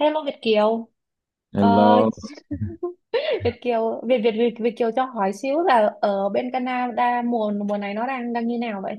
Hello Việt Kiều. Ờ, Hello. Việt Kiều Việt Kiều cho hỏi xíu là ở bên Canada mùa mùa này nó đang đang như nào vậy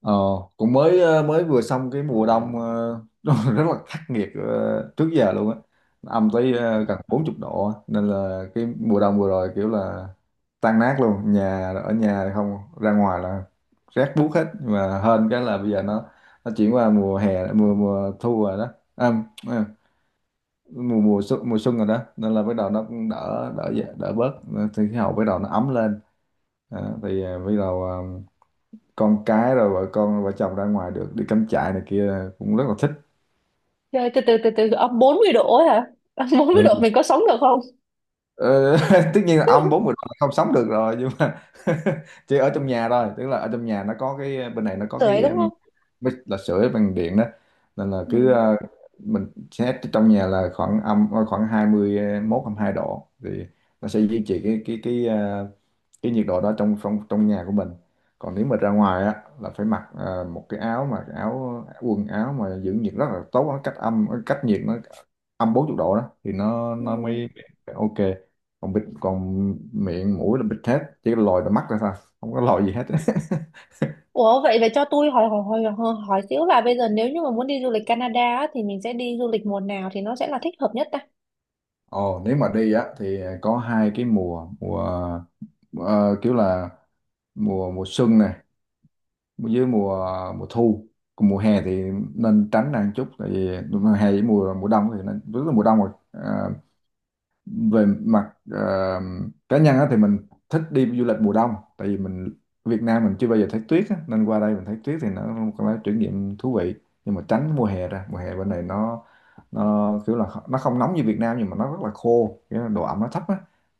ờ, Cũng mới mới vừa xong cái mùa đông nó rất là khắc nghiệt trước giờ luôn á, âm tới gần 40 độ á. Nên là cái mùa đông vừa rồi kiểu là tan nát luôn, ở nhà thì không ra ngoài là rét buốt hết. Nhưng mà hên cái là bây giờ nó chuyển qua mùa hè mùa mùa thu rồi đó, à, à, mùa mùa xuân rồi đó, nên là bắt đầu nó cũng đỡ đỡ dạ- đỡ bớt, thì khí hậu bắt đầu nó ấm lên. Bắt đầu con cái rồi vợ chồng ra ngoài được, đi cắm trại này kia, cũng rất là thích. trời từ từ từ từ âm 40 độ ấy hả? Âm bốn mươi Ừ. độ mình có sống được không? Ờ, Tất nhiên là ông bốn mươi độ không sống được rồi, nhưng mà chỉ ở trong nhà thôi. Tức là ở trong nhà nó có cái, bên này nó có Sưởi cái đúng không? bếp là sưởi bằng điện đó. Nên là cứ Ừ. Mình xét trong nhà là khoảng 21 hai mươi hai độ thì nó sẽ duy trì cái nhiệt độ đó trong trong trong nhà của mình. Còn nếu mà ra ngoài á là phải mặc một cái áo, mà cái áo quần áo mà giữ nhiệt rất là tốt, nó cách âm cách nhiệt, nó âm 40 độ đó thì Ừ. nó mới mới ok. Còn bịt còn miệng mũi là bịt hết, chỉ có lòi là mắt ra thôi, không có lòi gì hết. Ủa vậy vậy cho tôi hỏi hỏi hỏi hỏi hỏi xíu là bây giờ nếu như mà muốn đi du lịch Canada á, thì mình sẽ đi du lịch mùa nào thì nó sẽ là thích hợp nhất ta? Ồ, nếu mà đi á thì có hai cái mùa mùa ờ, kiểu là mùa mùa xuân nè, với mùa mùa thu, còn mùa hè thì nên tránh ra một chút. Tại vì mùa hè với mùa mùa đông thì nên, rất là mùa đông rồi. Về mặt cá nhân á, thì mình thích đi du lịch mùa đông. Tại vì mình, Việt Nam mình chưa bao giờ thấy tuyết á, nên qua đây mình thấy tuyết thì nó là một cái trải nghiệm thú vị. Nhưng mà tránh mùa hè ra, mùa hè bên này nó kiểu là nó không nóng như Việt Nam, nhưng mà nó rất là khô, cái độ ẩm nó thấp á,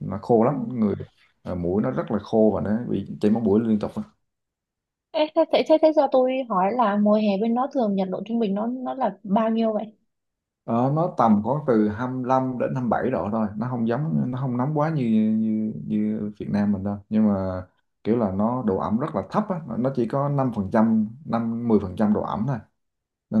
nó khô lắm. Ừ. Người mũi nó rất là khô và nó bị chảy máu mũi liên tục. Ê, thế cho tôi hỏi là mùa hè bên đó thường nhiệt độ trung bình nó là bao nhiêu vậy? Đó, nó tầm khoảng từ 25 đến 27 độ thôi, nó không nóng quá như như như Việt Nam mình đâu. Nhưng mà kiểu là nó độ ẩm rất là thấp á, nó chỉ có 5 phần trăm, 5 10 phần trăm độ ẩm thôi,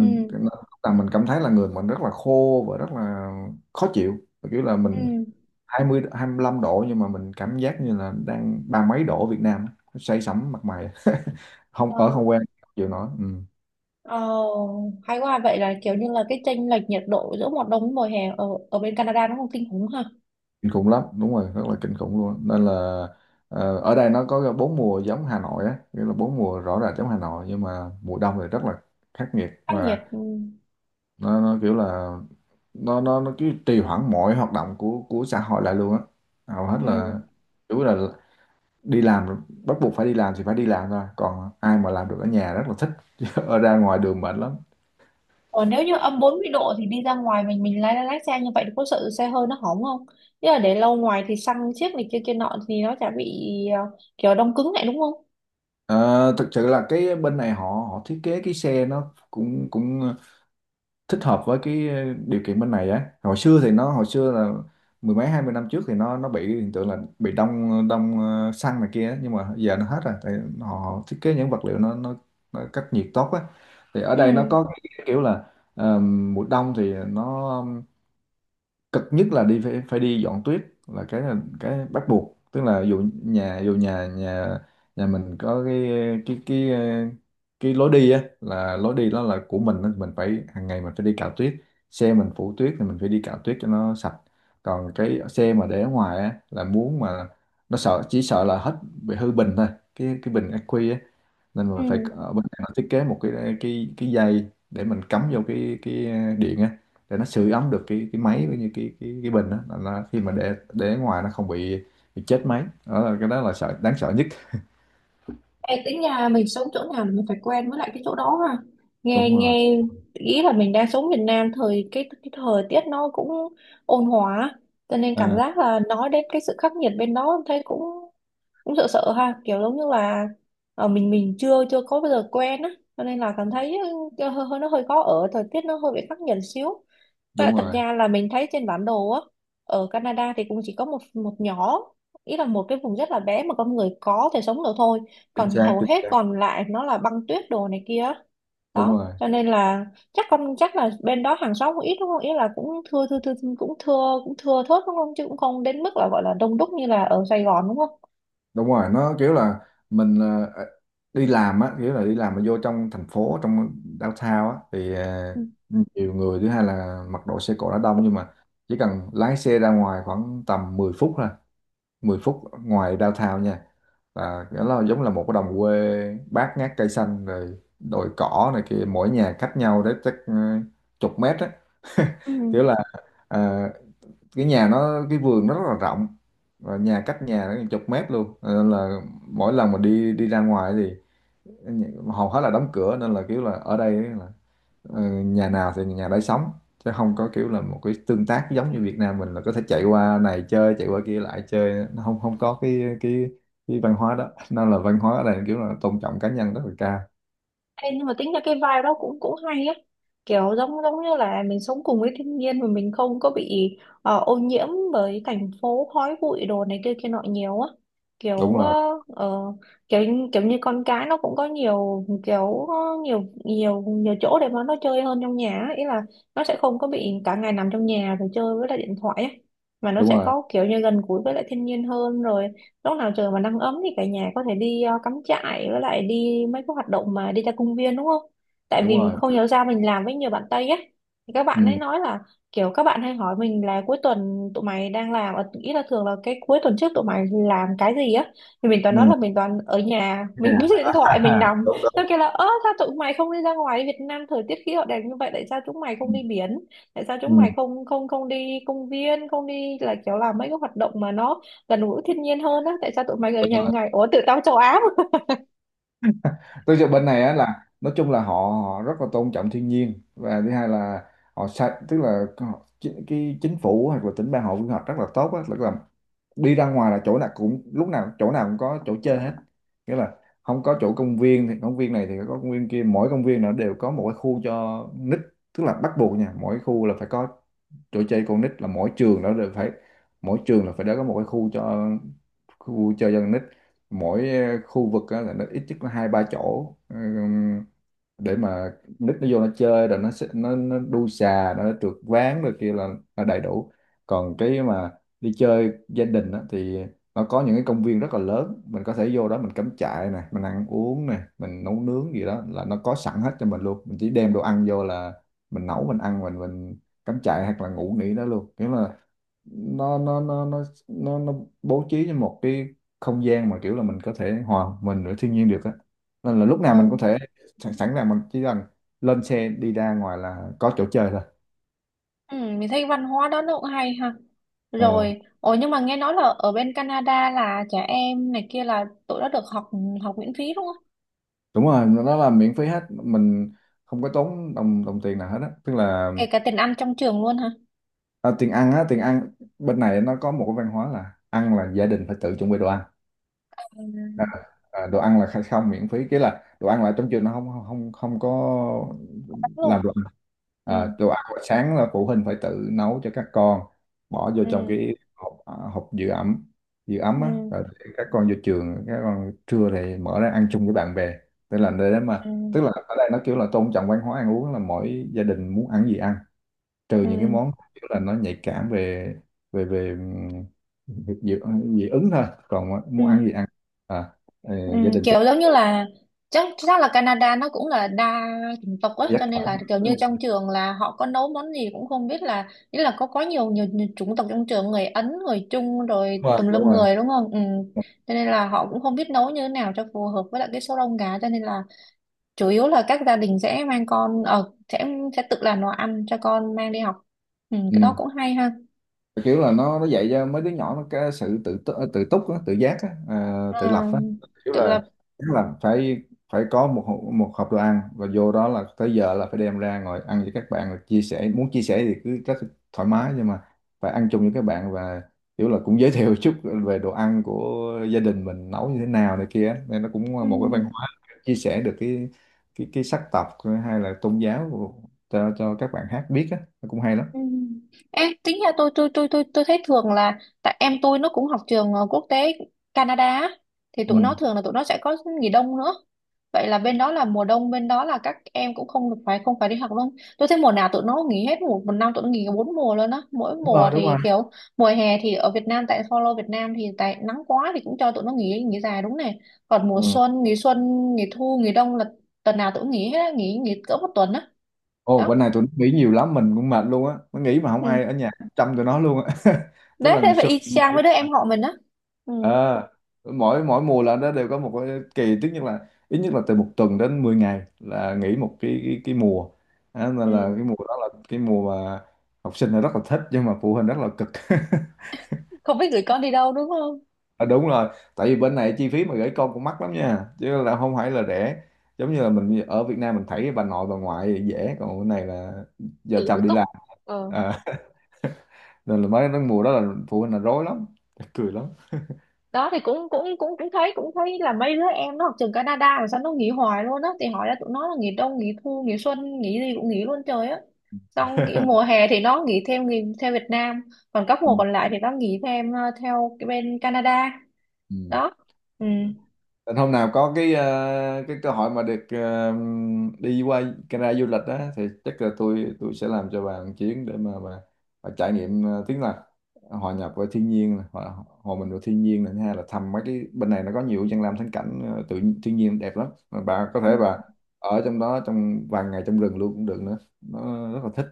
Ừ. Là mình cảm thấy là người mình rất là khô và rất là khó chịu. Và kiểu là mình Ừ. 20 25 độ, nhưng mà mình cảm giác như là đang ba mấy độ Việt Nam á, say sẩm mặt mày. Không ở Ờ, không quen không chịu nổi. Ừ. ờ, Hay quá, vậy là kiểu như là cái chênh lệch nhiệt độ giữa mùa đông với mùa hè ở ở bên Canada nó không kinh khủng ha? Kinh khủng lắm, đúng rồi, rất là kinh khủng luôn. Nên là ở đây nó có bốn mùa giống Hà Nội á, nghĩa là bốn mùa rõ ràng giống Hà Nội, nhưng mà mùa đông thì rất là khắc nghiệt. Khắc nghiệt Và ừ. nó kiểu là nó cứ trì hoãn mọi hoạt động của xã hội lại luôn á. Hầu hết Ừ. là chủ là đi làm, bắt buộc phải đi làm thì phải đi làm thôi, còn ai mà làm được ở nhà rất là thích. Chứ ở ra ngoài đường mệt lắm. Ờ, nếu như âm 40 độ thì đi ra ngoài mình lái lái xe như vậy thì có sợ xe hơi nó hỏng không? Chứ là để lâu ngoài thì xăng chiếc này kia kia nọ thì nó chả bị kiểu đông cứng lại đúng không? Ờ, thực sự là cái bên này họ, thiết kế cái xe nó cũng cũng thích hợp với cái điều kiện bên này á. Hồi xưa là mười mấy hai mươi năm trước thì nó bị hiện tượng là bị đông đông ờ, xăng này kia á. Nhưng mà giờ nó hết rồi, tại họ họ thiết kế những vật liệu nó cách nhiệt tốt á. Thì ở Ừ. đây nó có cái kiểu là mùa đông thì nó cực nhất là đi, phải phải đi dọn tuyết, là cái bắt buộc. Tức là dù nhà nhà nhà mình có cái cái cái ờ, cái lối đi á, là lối đi đó là của mình á, mình phải hàng ngày mình phải đi cạo tuyết. Xe mình phủ tuyết thì mình phải đi cạo tuyết cho nó sạch. Còn cái xe mà để ở ngoài á là muốn mà nó sợ chỉ sợ là hết, bị hư bình thôi, cái bình ắc quy á. Nên Ừ. là phải, ở bên này nó thiết kế một cái cái dây để mình cắm vô cái điện á, để nó sưởi ấm được cái máy với như cái bình đó, là nó khi mà để ngoài nó không bị bị chết máy. Đó là cái, đó là sợ đáng sợ nhất. Ê, tính nhà mình sống chỗ nào là mình phải quen với lại cái chỗ đó ha. Nghe Đúng rồi. nghe ý là mình đang sống Việt Nam thời cái thời tiết nó cũng ôn hòa, cho nên cảm à, giác là nói đến cái sự khắc nghiệt bên đó thấy cũng cũng sợ sợ ha, kiểu giống như là mình chưa chưa có bao giờ quen á, cho nên là cảm thấy hơi nó hơi khó ở, thời tiết nó hơi bị khắc nghiệt xíu. Và đúng thật rồi. ra là mình thấy trên bản đồ á, ở Canada thì cũng chỉ có một một nhỏ, ý là một cái vùng rất là bé mà con người có thể sống được thôi. Chính Còn xác, hầu chính hết xác. còn lại nó là băng tuyết đồ này kia á. Đúng Đó, rồi, cho nên là chắc chắc là bên đó hàng xóm cũng ít đúng không? Ý là cũng thưa thưa thưa cũng thưa, cũng thưa thớt đúng không? Chứ cũng không đến mức là gọi là đông đúc như là ở Sài Gòn đúng không? đúng rồi. Nó kiểu là mình ờ, đi làm á, kiểu là đi làm mà vô trong thành phố, trong downtown á, thì Ừ. nhiều người, thứ hai là mặc đồ, xe cộ đã đông. Nhưng mà chỉ cần lái xe ra ngoài khoảng tầm 10 phút thôi, 10 phút ngoài downtown nha, và nó là giống là một cái đồng quê bát ngát, cây xanh rồi đồi cỏ này kia, mỗi nhà cách nhau đấy chắc chục mét á. Ừ. Kiểu là ờ, cái nhà nó, cái vườn nó rất là rộng, và nhà cách nhà nó chục mét luôn. Cho nên là mỗi lần mà đi đi ra ngoài thì ờ, hầu hết là đóng cửa. Nên là kiểu là ở đây là, ờ, nhà nào thì nhà đấy sống, chứ không có kiểu là một cái tương tác giống như Việt Nam mình là có thể chạy qua này chơi, chạy qua kia lại chơi. Nó không, không có cái văn hóa đó. Nên là văn hóa ở đây kiểu là tôn trọng cá nhân rất là cao. Ê, nhưng mà tính ra cái vibe đó cũng cũng hay á, kiểu giống giống như là mình sống cùng với thiên nhiên mà mình không có bị ô nhiễm bởi thành phố khói bụi đồ này kia kia nọ nhiều á, Đúng kiểu ờ, rồi, ờ, kiểu kiểu như con cái nó cũng có nhiều kiểu ờ, nhiều nhiều nhiều chỗ để mà nó chơi hơn trong nhà á. Ý là nó sẽ không có bị cả ngày nằm trong nhà rồi chơi với lại điện thoại á, mà nó đúng sẽ rồi. có kiểu như gần gũi với lại thiên nhiên hơn. Rồi lúc nào trời mà nắng ấm thì cả nhà có thể đi cắm trại với lại đi mấy cái hoạt động mà đi ra công viên, đúng không? Tại Đúng vì rồi. không hiểu sao mình làm với nhiều bạn Tây ấy, thì các bạn ấy Ừ. nói là kiểu các bạn hay hỏi mình là cuối tuần tụi mày đang làm ý là thường là cái cuối tuần trước tụi mày làm cái gì á, thì mình toàn nói Ừ. là mình toàn ở nhà mình bấm điện thoại mình À, nằm. đúng Nó đúng. kêu là ơ sao tụi mày không đi ra ngoài, Việt Nam thời tiết khí hậu đẹp như vậy tại sao chúng mày không Ừ. đi biển, tại sao Ừ. chúng mày không không không đi công viên không đi là kiểu làm mấy cái hoạt động mà nó gần gũi thiên nhiên hơn á, tại sao tụi mày ở nhà Đúng rồi. ngày ủa tự tao châu Á mà. Tôi cho bên này á là nói chung là họ họ rất là tôn trọng thiên nhiên, và thứ hai là họ sạch. Tức là cái chính phủ hoặc là tỉnh bang họ quy hoạch rất là tốt á. Tức là đi ra ngoài là chỗ nào cũng, lúc nào chỗ nào cũng có chỗ chơi hết. Nghĩa là không có chỗ công viên thì công viên này, thì có công viên kia. Mỗi công viên nó đều có một cái khu cho nít. Tức là bắt buộc nha, mỗi khu là phải có chỗ chơi con nít. Là mỗi trường là phải đã có một cái khu chơi dân nít. Mỗi khu vực á là nó ít nhất là hai ba chỗ. Ừ, để mà nít nó vô nó chơi, rồi nó đu xà, nó trượt ván rồi kia, là đầy đủ. Còn cái mà đi chơi gia đình á, thì nó có những cái công viên rất là lớn, mình có thể vô đó mình cắm trại này, mình ăn uống này, mình nấu nướng gì đó là nó có sẵn hết cho mình luôn. Mình chỉ đem đồ ăn vô là mình nấu, mình ăn, mình cắm trại hoặc là ngủ nghỉ đó luôn. Thế là nó bố trí cho một cái không gian mà kiểu là mình có thể hòa mình với thiên nhiên được á. Nên là lúc nào Ờ, mình có thể sẵn sẵn sàng, mình chỉ cần lên xe đi ra ngoài là có chỗ chơi thôi. ừ, mình thấy văn hóa đó nó cũng hay ha. Ờ, Rồi, ồ nhưng mà nghe nói là ở bên Canada là trẻ em này kia là tụi nó được học học miễn phí đúng không? đúng rồi, nó là miễn phí hết. Mình không có tốn đồng đồng tiền nào hết á. Tức là, Kể cả tiền ăn trong trường luôn hả? à, tiền ăn á, tiền ăn bên này nó có một cái văn hóa là ăn là gia đình phải tự chuẩn bị đồ ăn. À, Ừ. à, đồ ăn là khai- không miễn phí cái là đồ ăn, là trong trường nó không không không có Đúng luôn. làm đồ ăn. Ừ, À, đồ ăn buổi sáng là phụ huynh phải tự nấu cho các con, bỏ vô trong ừ, cái hộp, à, hộp giữ ẩm giữ ấm á, ừ, rồi để các con vô trường, các con trưa thì mở ra ăn chung với bạn bè. tức là để mà ừ, Tức là ở đây nó kiểu là tôn trọng văn hóa ăn uống, là mỗi gia đình muốn ăn gì ăn, trừ ừ, những cái món kiểu là nó nhạy cảm về về về dị, dị dị ứng thôi, còn muốn ăn gì ừ. ăn. à, ờ, Gia đình sẽ Kiểu giống như là chắc chắc là Canada nó cũng là đa chủng tộc á, dắt. cho nên là kiểu như trong trường là họ có nấu món gì cũng không biết, là nghĩa là có quá nhiều nhiều, nhiều chủng tộc trong trường, người Ấn người Trung rồi Đúng tùm rồi, đúng lum rồi. người đúng không? Cho nên là họ cũng không biết nấu như thế nào cho phù hợp với lại cái số đông gà, cho nên là chủ yếu là các gia đình sẽ mang con sẽ tự làm đồ ăn cho con mang đi học. Cái đó Ừ. cũng hay ha. Kiểu là nó dạy cho mấy đứa nhỏ nó cái sự tự túc á, tự giác á, à, tự lập Ờ, á. Kiểu tự là lập. tức là phải phải có một hộp đồ ăn, và vô đó là tới giờ là phải đem ra ngồi ăn với các bạn. Là chia sẻ, muốn chia sẻ thì cứ rất thoải mái, nhưng mà phải ăn chung với các bạn. Và kiểu là cũng giới thiệu chút về đồ ăn của gia đình mình nấu như thế nào này kia á. Nên nó cũng Ừ. một cái văn hóa chia sẻ được cái sắc tộc hay là tôn giáo cho các bạn khác biết á, nó cũng hay lắm. Ừ. Ê, tính ra tôi thấy thường là tại em tôi nó cũng học trường quốc tế Canada á, thì Ừ. tụi nó thường là tụi nó sẽ có nghỉ đông nữa. Vậy là bên đó là mùa đông bên đó là các em cũng không được phải không phải đi học luôn, tôi thấy mùa nào tụi nó nghỉ hết, một một năm tụi nó nghỉ bốn mùa luôn á, mỗi Đúng mùa rồi, đúng rồi. thì kiểu mùa hè thì ở Việt Nam tại follow Việt Nam thì tại nắng quá thì cũng cho tụi nó nghỉ nghỉ dài đúng này, còn mùa Ừ. Xuân nghỉ thu nghỉ đông là tuần nào tụi nó nghỉ hết á, nghỉ nghỉ cỡ một tuần á. Ồ, bữa Đó. nay tụi nó nghỉ nhiều lắm, mình cũng mệt luôn á. Nó nghỉ mà không ai Ừ. ở nhà chăm tụi nó luôn á. Tức Đấy là thế ngày phải xưa, y chang với đứa em họ mình á. ừ ờ, mỗi mỗi mùa là nó đều có một cái kỳ, tức nhất là ít nhất là từ một tuần đến 10 ngày là nghỉ một cái mùa. Đó, nên là ừ. cái mùa đó là cái mùa mà học sinh là rất là thích, nhưng mà phụ huynh rất là cực. Không biết gửi con đi đâu đúng không? À, đúng rồi. Tại vì bên này chi phí mà gửi con cũng mắc lắm nha, chứ là không phải là rẻ. Giống như là mình ở Việt Nam mình thấy bà nội bà ngoại dễ, còn bên này là vợ Tự tự chồng đi túc. làm. Ờ. Ờ. Nên là mấy cái mùa đó là phụ huynh là rối lắm. Chắc cười lắm. Đó thì cũng cũng cũng cũng thấy thấy là mấy đứa em nó học trường Canada mà sao nó nghỉ hoài luôn á, thì hỏi là tụi nó là nghỉ đông nghỉ thu nghỉ xuân nghỉ gì cũng nghỉ luôn trời á. Xong cái mùa hè thì nó nghỉ thêm nghỉ theo Việt Nam, còn các mùa Ừ. còn lại thì nó nghỉ thêm theo cái bên Canada. Ừ. Đó. Ừ. Nên hôm nào có cái cái cơ hội mà được đi qua Canada du lịch á, thì chắc là tôi sẽ làm cho bà một chuyến, để mà bà trải nghiệm tiếng là hòa nhập với thiên nhiên này, hòa mình với thiên nhiên này, thứ hai là thăm mấy cái, bên này nó có nhiều danh lam thắng cảnh tự thiên nhiên đẹp lắm, mà bà có Ừ. thể bà ở trong đó trong vài ngày, trong rừng luôn cũng được nữa, nó rất là thích.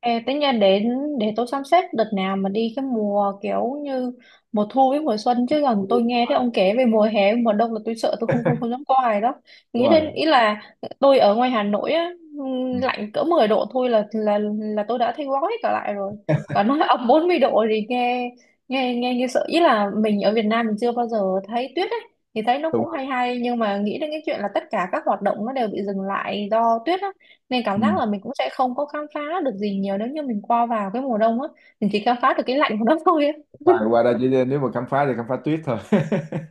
Ê, tính ra để tôi sắp xếp đợt nào mà đi cái mùa kiểu như mùa thu với mùa xuân, chứ còn Đúng rồi. tôi nghe thấy ông kể về mùa hè mùa đông là tôi sợ, tôi không không không dám coi đó, Đúng nghĩ rồi. đến. Ý là tôi ở ngoài Hà Nội á, Ừ. lạnh cỡ 10 độ thôi là tôi đã thấy gói cả lại rồi, còn nói âm 40 độ thì nghe nghe nghe như sợ. Ý là mình ở Việt Nam mình chưa bao giờ thấy tuyết ấy, thì thấy nó Đúng cũng rồi. hay hay, nhưng mà nghĩ đến cái chuyện là tất cả các hoạt động nó đều bị dừng lại do tuyết á, nên cảm giác Ừ. là mình cũng sẽ không có khám phá được gì nhiều nếu như mình qua vào cái mùa đông á. Mình chỉ khám phá được cái lạnh của nó thôi á. Và qua đây chỉ nếu mà khám phá thì khám phá tuyết thôi.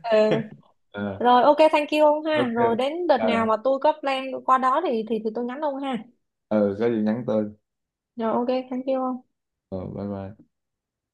Ờ. Ờ, Rồi, ok thank you ông ha. ok. Rồi đến đợt à, nào mà tôi có plan qua đó thì tôi nhắn ông ha. ừ, có gì nhắn tôi. Rồi, ok thank you ông. Ờ, bye bye.